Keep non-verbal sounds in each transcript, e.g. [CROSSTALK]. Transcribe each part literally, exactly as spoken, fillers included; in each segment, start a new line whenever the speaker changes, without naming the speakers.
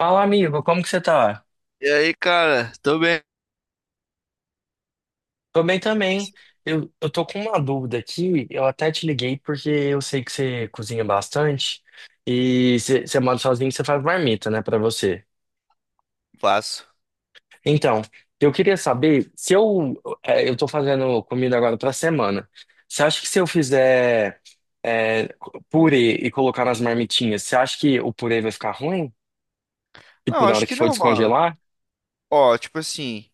Fala, amigo, como que você tá?
E aí, cara? Tô bem,
Tô bem também. Eu, eu tô com uma dúvida aqui, eu até te liguei porque eu sei que você cozinha bastante e você você mora sozinho, você faz marmita, né, pra você.
passo.
Então, eu queria saber se eu é, eu tô fazendo comida agora pra semana. Você acha que se eu fizer é, purê e colocar nas marmitinhas, você acha que o purê vai ficar ruim? Tipo,
Não,
na
acho
hora que
que
for
não, mano.
descongelar?
Ó, tipo assim,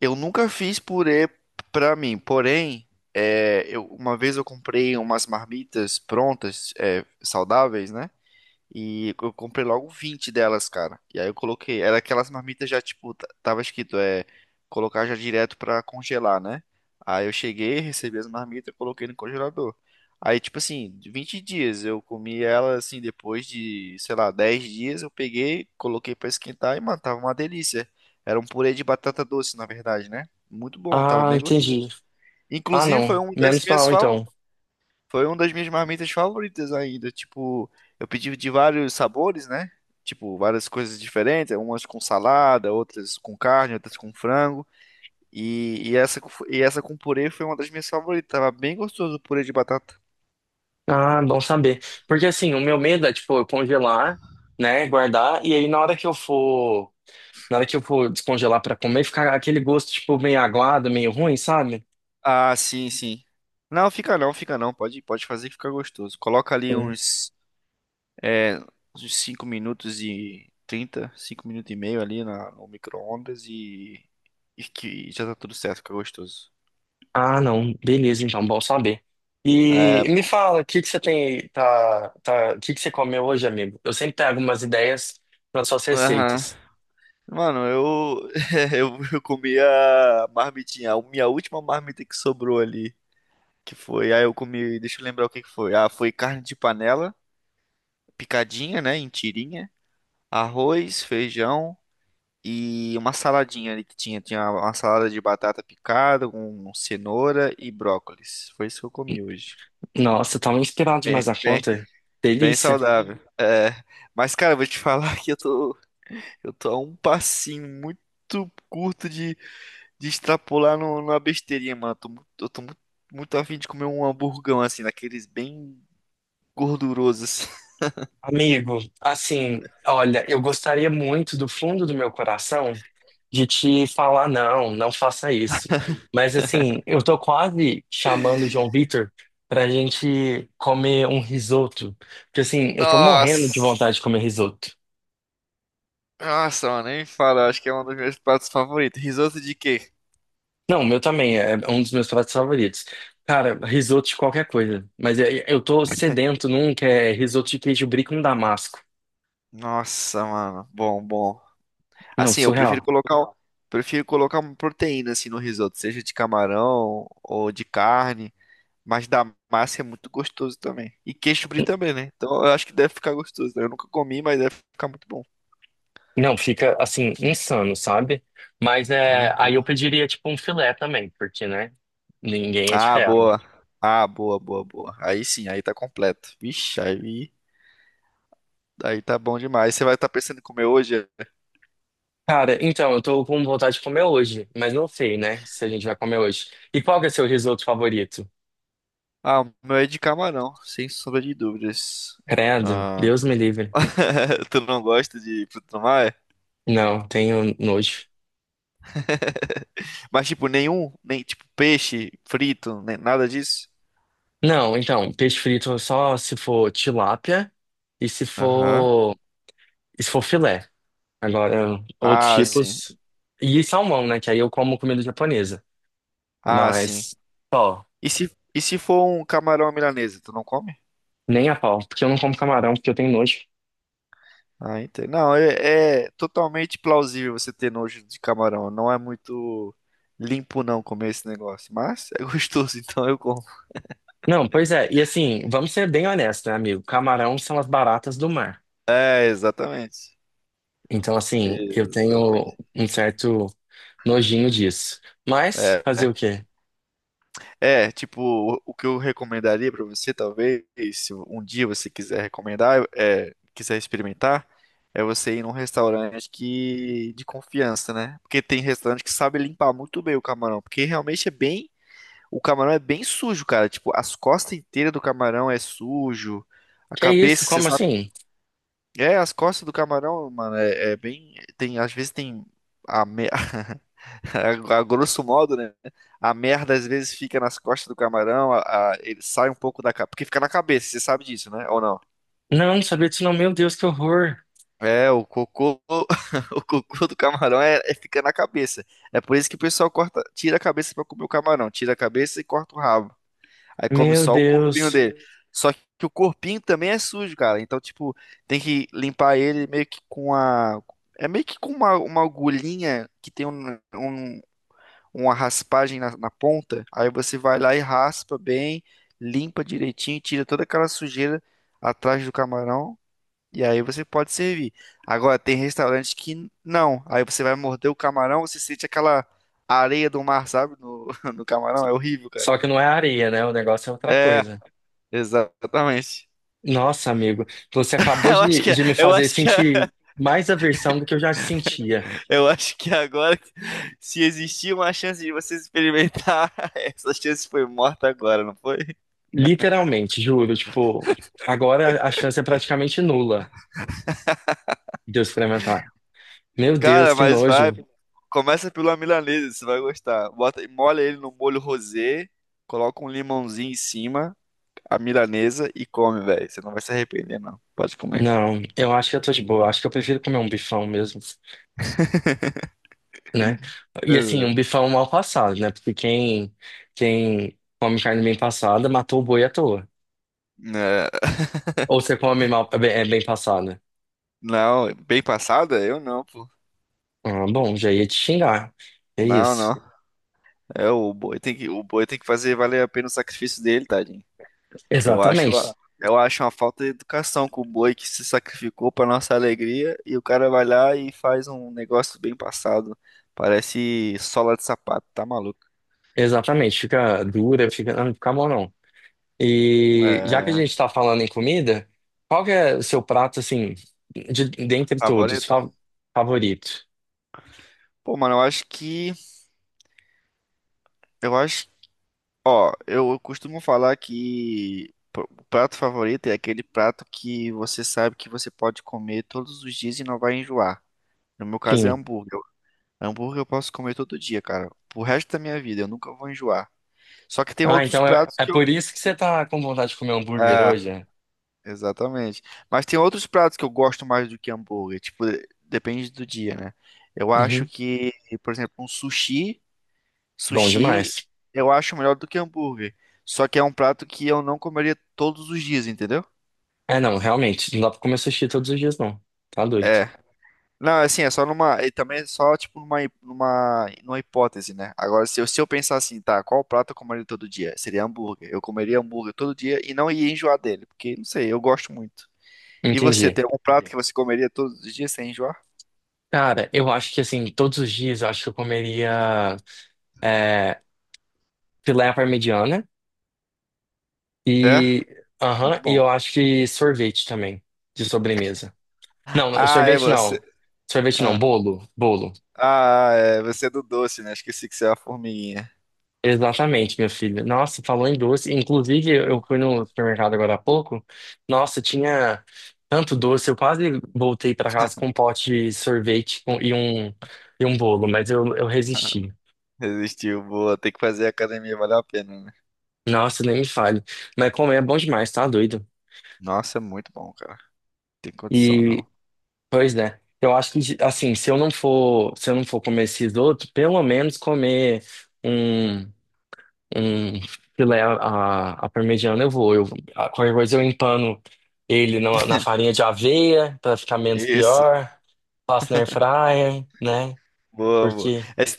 eu nunca fiz purê pra mim, porém, é, eu, uma vez eu comprei umas marmitas prontas, é, saudáveis, né? E eu comprei logo vinte delas, cara. E aí eu coloquei. Era aquelas marmitas já, tipo, t- tava escrito, é. Colocar já direto pra congelar, né? Aí eu cheguei, recebi as marmitas, coloquei no congelador. Aí, tipo assim, de vinte dias eu comi ela, assim, depois de, sei lá, dez dias eu peguei, coloquei pra esquentar e, mano, tava uma delícia. Era um purê de batata doce, na verdade, né? Muito bom, tava
Ah,
bem
entendi.
gostoso.
Ah,
Inclusive, foi
não.
uma das
Menos
minhas
mal,
fa-
então.
foi uma das minhas marmitas favoritas ainda. Tipo, eu pedi de vários sabores, né? Tipo, várias coisas diferentes, umas com salada, outras com carne, outras com frango. E, e essa, com- e essa com purê foi uma das minhas favoritas. Tava bem gostoso o purê de batata.
Ah, bom saber. Porque assim, o meu medo é, tipo, eu congelar, né, guardar, e aí na hora que eu for, na hora que eu for descongelar pra comer, ficar aquele gosto, tipo, meio aguado, meio ruim, sabe?
Ah, sim, sim. Não, fica não, fica não. Pode, pode fazer que fica gostoso. Coloca ali
Hum.
uns, é, uns cinco minutos e trinta cinco minutos e meio ali na, no micro-ondas e, e, que já tá tudo certo, fica gostoso.
Ah, não. Beleza, então, bom saber.
É,
E me
pô.
fala, o que que você tem, tá, tá, o que que você comeu hoje, amigo? Eu sempre pego umas ideias para suas
Aham.
receitas.
Mano, eu, [LAUGHS] eu, eu comi a marmitinha, a minha última marmita que sobrou ali, que foi, aí eu comi, deixa eu lembrar o que que foi. Ah, foi carne de panela, picadinha, né, em tirinha, arroz, feijão e uma saladinha ali que tinha, tinha uma salada de batata picada com cenoura e brócolis. Foi isso que eu comi hoje.
Nossa, tá me inspirado
Bem,
demais a
bem,
conta.
bem
Delícia.
saudável. É, mas cara, eu vou te [LAUGHS] falar que eu tô, eu tô a um passinho muito curto de de extrapolar no, numa besteirinha, mano. Eu tô, mu- eu tô mu- muito afim de comer um hamburgão, assim, daqueles bem gordurosos. assim.
Amigo, assim, olha, eu gostaria muito do fundo do meu coração de te falar não, não faça isso. Mas assim, eu tô quase chamando o João Vitor pra gente comer um risoto, porque assim,
[LAUGHS]
eu tô morrendo de
Nossa!
vontade de comer risoto.
Nossa, mano, nem fala. Acho que é um dos meus pratos favoritos. Risoto de quê?
Não, o meu também é um dos meus pratos favoritos. Cara, risoto de qualquer coisa, mas eu eu tô sedento num que é risoto de queijo brie com damasco.
Nossa, mano. Bom, bom.
Não,
Assim, eu prefiro
surreal.
colocar, um- prefiro colocar uma proteína, assim, no risoto. Seja de camarão ou de carne. Mas da massa é muito gostoso também. E queijo brie também, né? Então eu acho que deve ficar gostoso. né? Eu nunca comi, mas deve ficar muito bom.
Não, fica assim, insano, sabe? Mas é, aí eu
Aham.
pediria tipo um filé também, porque, né? Ninguém é de
Ah,
ferro.
boa. Ah, boa, boa, boa. Aí sim, aí tá completo. Vixe, aí, aí tá bom demais. Você vai estar pensando em comer hoje?
Cara, então, eu tô com vontade de comer hoje, mas não sei, né, se a gente vai comer hoje. E qual que é o seu risoto favorito?
Ah, o meu é de camarão, sem sombra de dúvidas.
Credo,
Ah,
Deus me livre.
[LAUGHS] tu não gosta de fruto do mar?
Não, tenho nojo.
Mas tipo, nenhum, nem tipo peixe frito, nem nada disso?
Não, então, peixe frito só se for tilápia e se
Aham.
for, e se for filé. Agora, outros
Ah, sim.
tipos. E salmão, né, que aí eu como comida japonesa.
Ah, sim.
Mas, só.
E se, e se for um camarão à milanesa, tu não come?
Nem a pau, porque eu não como camarão, porque eu tenho nojo.
Ah, entendo. Não, é, é totalmente plausível você ter nojo de camarão. Não é muito limpo não comer esse negócio, mas é gostoso, [LAUGHS] então eu como.
Não, pois é, e assim, vamos ser bem honestos, né, amigo? Camarão são as baratas do mar.
É, exatamente.
Então, assim, eu tenho
Exatamente.
um certo nojinho disso. Mas,
É,
fazer o quê?
é, tipo, o, o que eu recomendaria pra você, talvez, se um dia você quiser recomendar, é, quiser experimentar, é você ir num restaurante que de confiança, né? Porque tem restaurante que sabe limpar muito bem o camarão, porque realmente é bem O camarão é bem sujo, cara. Tipo, as costas inteiras do camarão é sujo. A
Que é isso?
cabeça, você
Como
sabe.
assim?
É, as costas do camarão, mano, é, é bem. Tem, às vezes tem. A, me... [LAUGHS] a, a grosso modo, né? A merda às vezes fica nas costas do camarão. a- a- ele sai um pouco da. ca- Porque fica na cabeça, você sabe disso, né? Ou não?
Não, não sabia disso não. Meu Deus, que horror.
É, o cocô, [LAUGHS] o cocô do camarão é, é- fica na cabeça. É por isso que o pessoal corta, tira a cabeça pra comer o camarão, tira a cabeça e corta o rabo. Aí come
Meu
só o corpinho
Deus.
dele. Só que o corpinho também é sujo, cara. Então, tipo, tem que limpar ele meio que com a. É meio que com uma, uma agulhinha que tem um, um- uma raspagem na, na ponta. Aí você vai lá e raspa bem, limpa direitinho, tira toda aquela sujeira atrás do camarão. E aí você pode servir. Agora, tem restaurante que não. Aí você vai morder o camarão, você sente aquela areia do mar, sabe? No, [LAUGHS] no camarão. É horrível, cara.
Só que não é areia, né? O negócio é outra
É.
coisa.
Exatamente.
Nossa, amigo, você
[LAUGHS]
acabou
Eu acho
de,
que,
de me
eu
fazer
acho que,
sentir mais aversão do que eu já sentia.
eu acho que agora, se existia uma chance de você experimentar, [LAUGHS] essa chance foi morta agora, não foi?
Literalmente, juro. Tipo, agora a chance é praticamente nula de eu experimentar. Meu Deus,
Cara,
que
mas vai,
nojo.
começa pela milanesa, você vai gostar. Bota, molha ele no molho rosé, coloca um limãozinho em cima, a milanesa e come, velho. Você não vai se arrepender, não. Pode comer.
Não, eu acho que eu tô de boa. Acho que eu prefiro comer um bifão mesmo, né? E assim,
Pois
um bifão mal passado, né? Porque quem, quem come carne bem passada matou o boi à toa.
é. É,
Ou você come mal, é bem, é bem passada.
Não, bem passada? Eu não, pô.
Ah, bom, já ia te xingar. É
Não,
isso.
não. É o boi tem que, o boi tem que fazer valer a pena o sacrifício dele, tadinho. Eu acho,
Exatamente.
a- eu acho uma falta de educação com o boi que se sacrificou para nossa alegria e o cara vai lá e faz um negócio bem passado. Parece sola de sapato, tá maluco?
Exatamente. Fica dura, fica, não não fica bom, não. E já que a
É,
gente tá falando em comida, qual que é o seu prato, assim, de, dentre todos,
Favorito.
fa- favorito?
Pô, mano, eu acho que, eu acho, ó, eu, eu costumo falar que pr- o prato favorito é aquele prato que você sabe que você pode comer todos os dias e não vai enjoar. No meu caso é
Sim.
hambúrguer. Eu- Hambúrguer eu posso comer todo dia, cara. Pro resto da minha vida, eu nunca vou enjoar. Só que tem
Ah,
outros
então é,
pratos
é
que eu.
por isso que você tá com vontade de comer um hambúrguer hoje? É?
É, exatamente. Mas tem outros pratos que eu gosto mais do que hambúrguer. Tipo, de- depende do dia, né? Eu acho
Uhum.
que, por exemplo, um sushi.
Bom
Sushi
demais.
eu acho melhor do que hambúrguer. Só que é um prato que eu não comeria todos os dias, entendeu?
É, não, realmente, não dá pra comer sushi todos os dias, não. Tá doido.
É. Não, assim, é só numa. E também é só, tipo, numa, hi- numa, numa hipótese, né? Agora, se eu, se eu pensar assim, tá, qual prato eu comeria todo dia? Seria hambúrguer. Eu comeria hambúrguer todo dia e não ia enjoar dele, porque, não sei, eu gosto muito. E você,
Entendi.
tem algum prato que você comeria todos os dias sem enjoar?
Cara, eu acho que, assim, todos os dias eu acho que eu comeria é, filé à parmegiana
É?
e,
Muito
aham, e eu
bom.
acho que sorvete também, de sobremesa. Não,
Ah, é
sorvete
você.
não. Sorvete não,
Ah,
bolo. Bolo.
ah, é, você é do doce, né? Esqueci que você é uma formiguinha.
Exatamente, meu filho. Nossa, falou em doce. Inclusive, eu fui no supermercado agora há pouco. Nossa, tinha tanto doce. Eu quase voltei para casa com um pote de sorvete com- e um, e um bolo, mas eu, eu resisti.
Resistiu, boa. Tem que fazer academia, valeu a pena, né?
Nossa, nem me fale. Mas comer é bom demais, tá doido?
Nossa, muito bom, cara. Tem condição, não.
E, pois é. Eu acho que, assim, se eu não for, se eu não for comer esses outros, pelo menos comer. um. um filé à à- à parmegiana, eu vou. Eu, a- qualquer coisa eu empano ele na, na farinha de aveia pra ficar menos
Isso,
pior. Faço na air fryer, né?
boa, boa.
Porque,
É, Você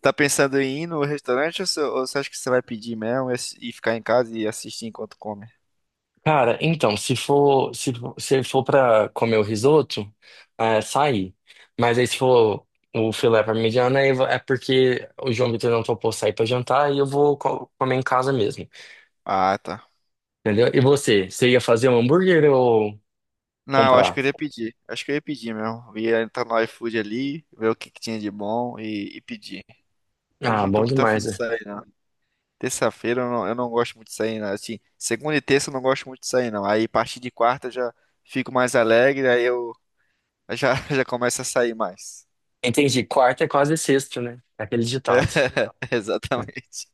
tá pensando em ir no restaurante ou você, ou você acha que você vai pedir mesmo e assi- e ficar em casa e assistir enquanto come?
cara, então, se for, se, for- se for pra comer o risoto, é sair. Mas aí se for o filé parmegiana, aí vo- é porque o João Vitor não topou sair pra jantar e eu vou co- comer em casa mesmo.
Ah, tá.
Entendeu? E você? Você ia fazer um hambúrguer ou
Não, eu acho
comprar?
que eu ia pedir. Acho que eu ia pedir mesmo. Ia entrar no iFood ali, ver o que que tinha de bom e, e pedir. Hoje
Ah,
não tô
bom
muito afim
demais.
de
Né?
sair, não. Terça-feira eu não, eu não gosto muito de sair, não. Assim, segunda e terça eu não gosto muito de sair, não. Aí, a partir de quarta eu já fico mais alegre, aí eu já, [LAUGHS] já começo a sair mais.
Entendi. Quarta é quase sexta, né? É aquele ditado.
[LAUGHS]
Né?
Exatamente.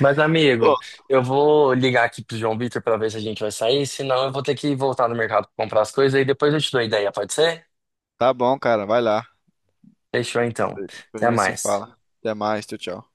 Mas,
Pô,
amigo, eu vou ligar aqui pro João Vitor pra ver se a gente vai sair, senão eu vou ter que voltar no mercado pra comprar as coisas e depois eu te dou a ideia, pode ser?
tá bom, cara. Vai lá.
Fechou então.
Depois a
Até
gente se
mais.
fala. Até mais. Tchau, tchau.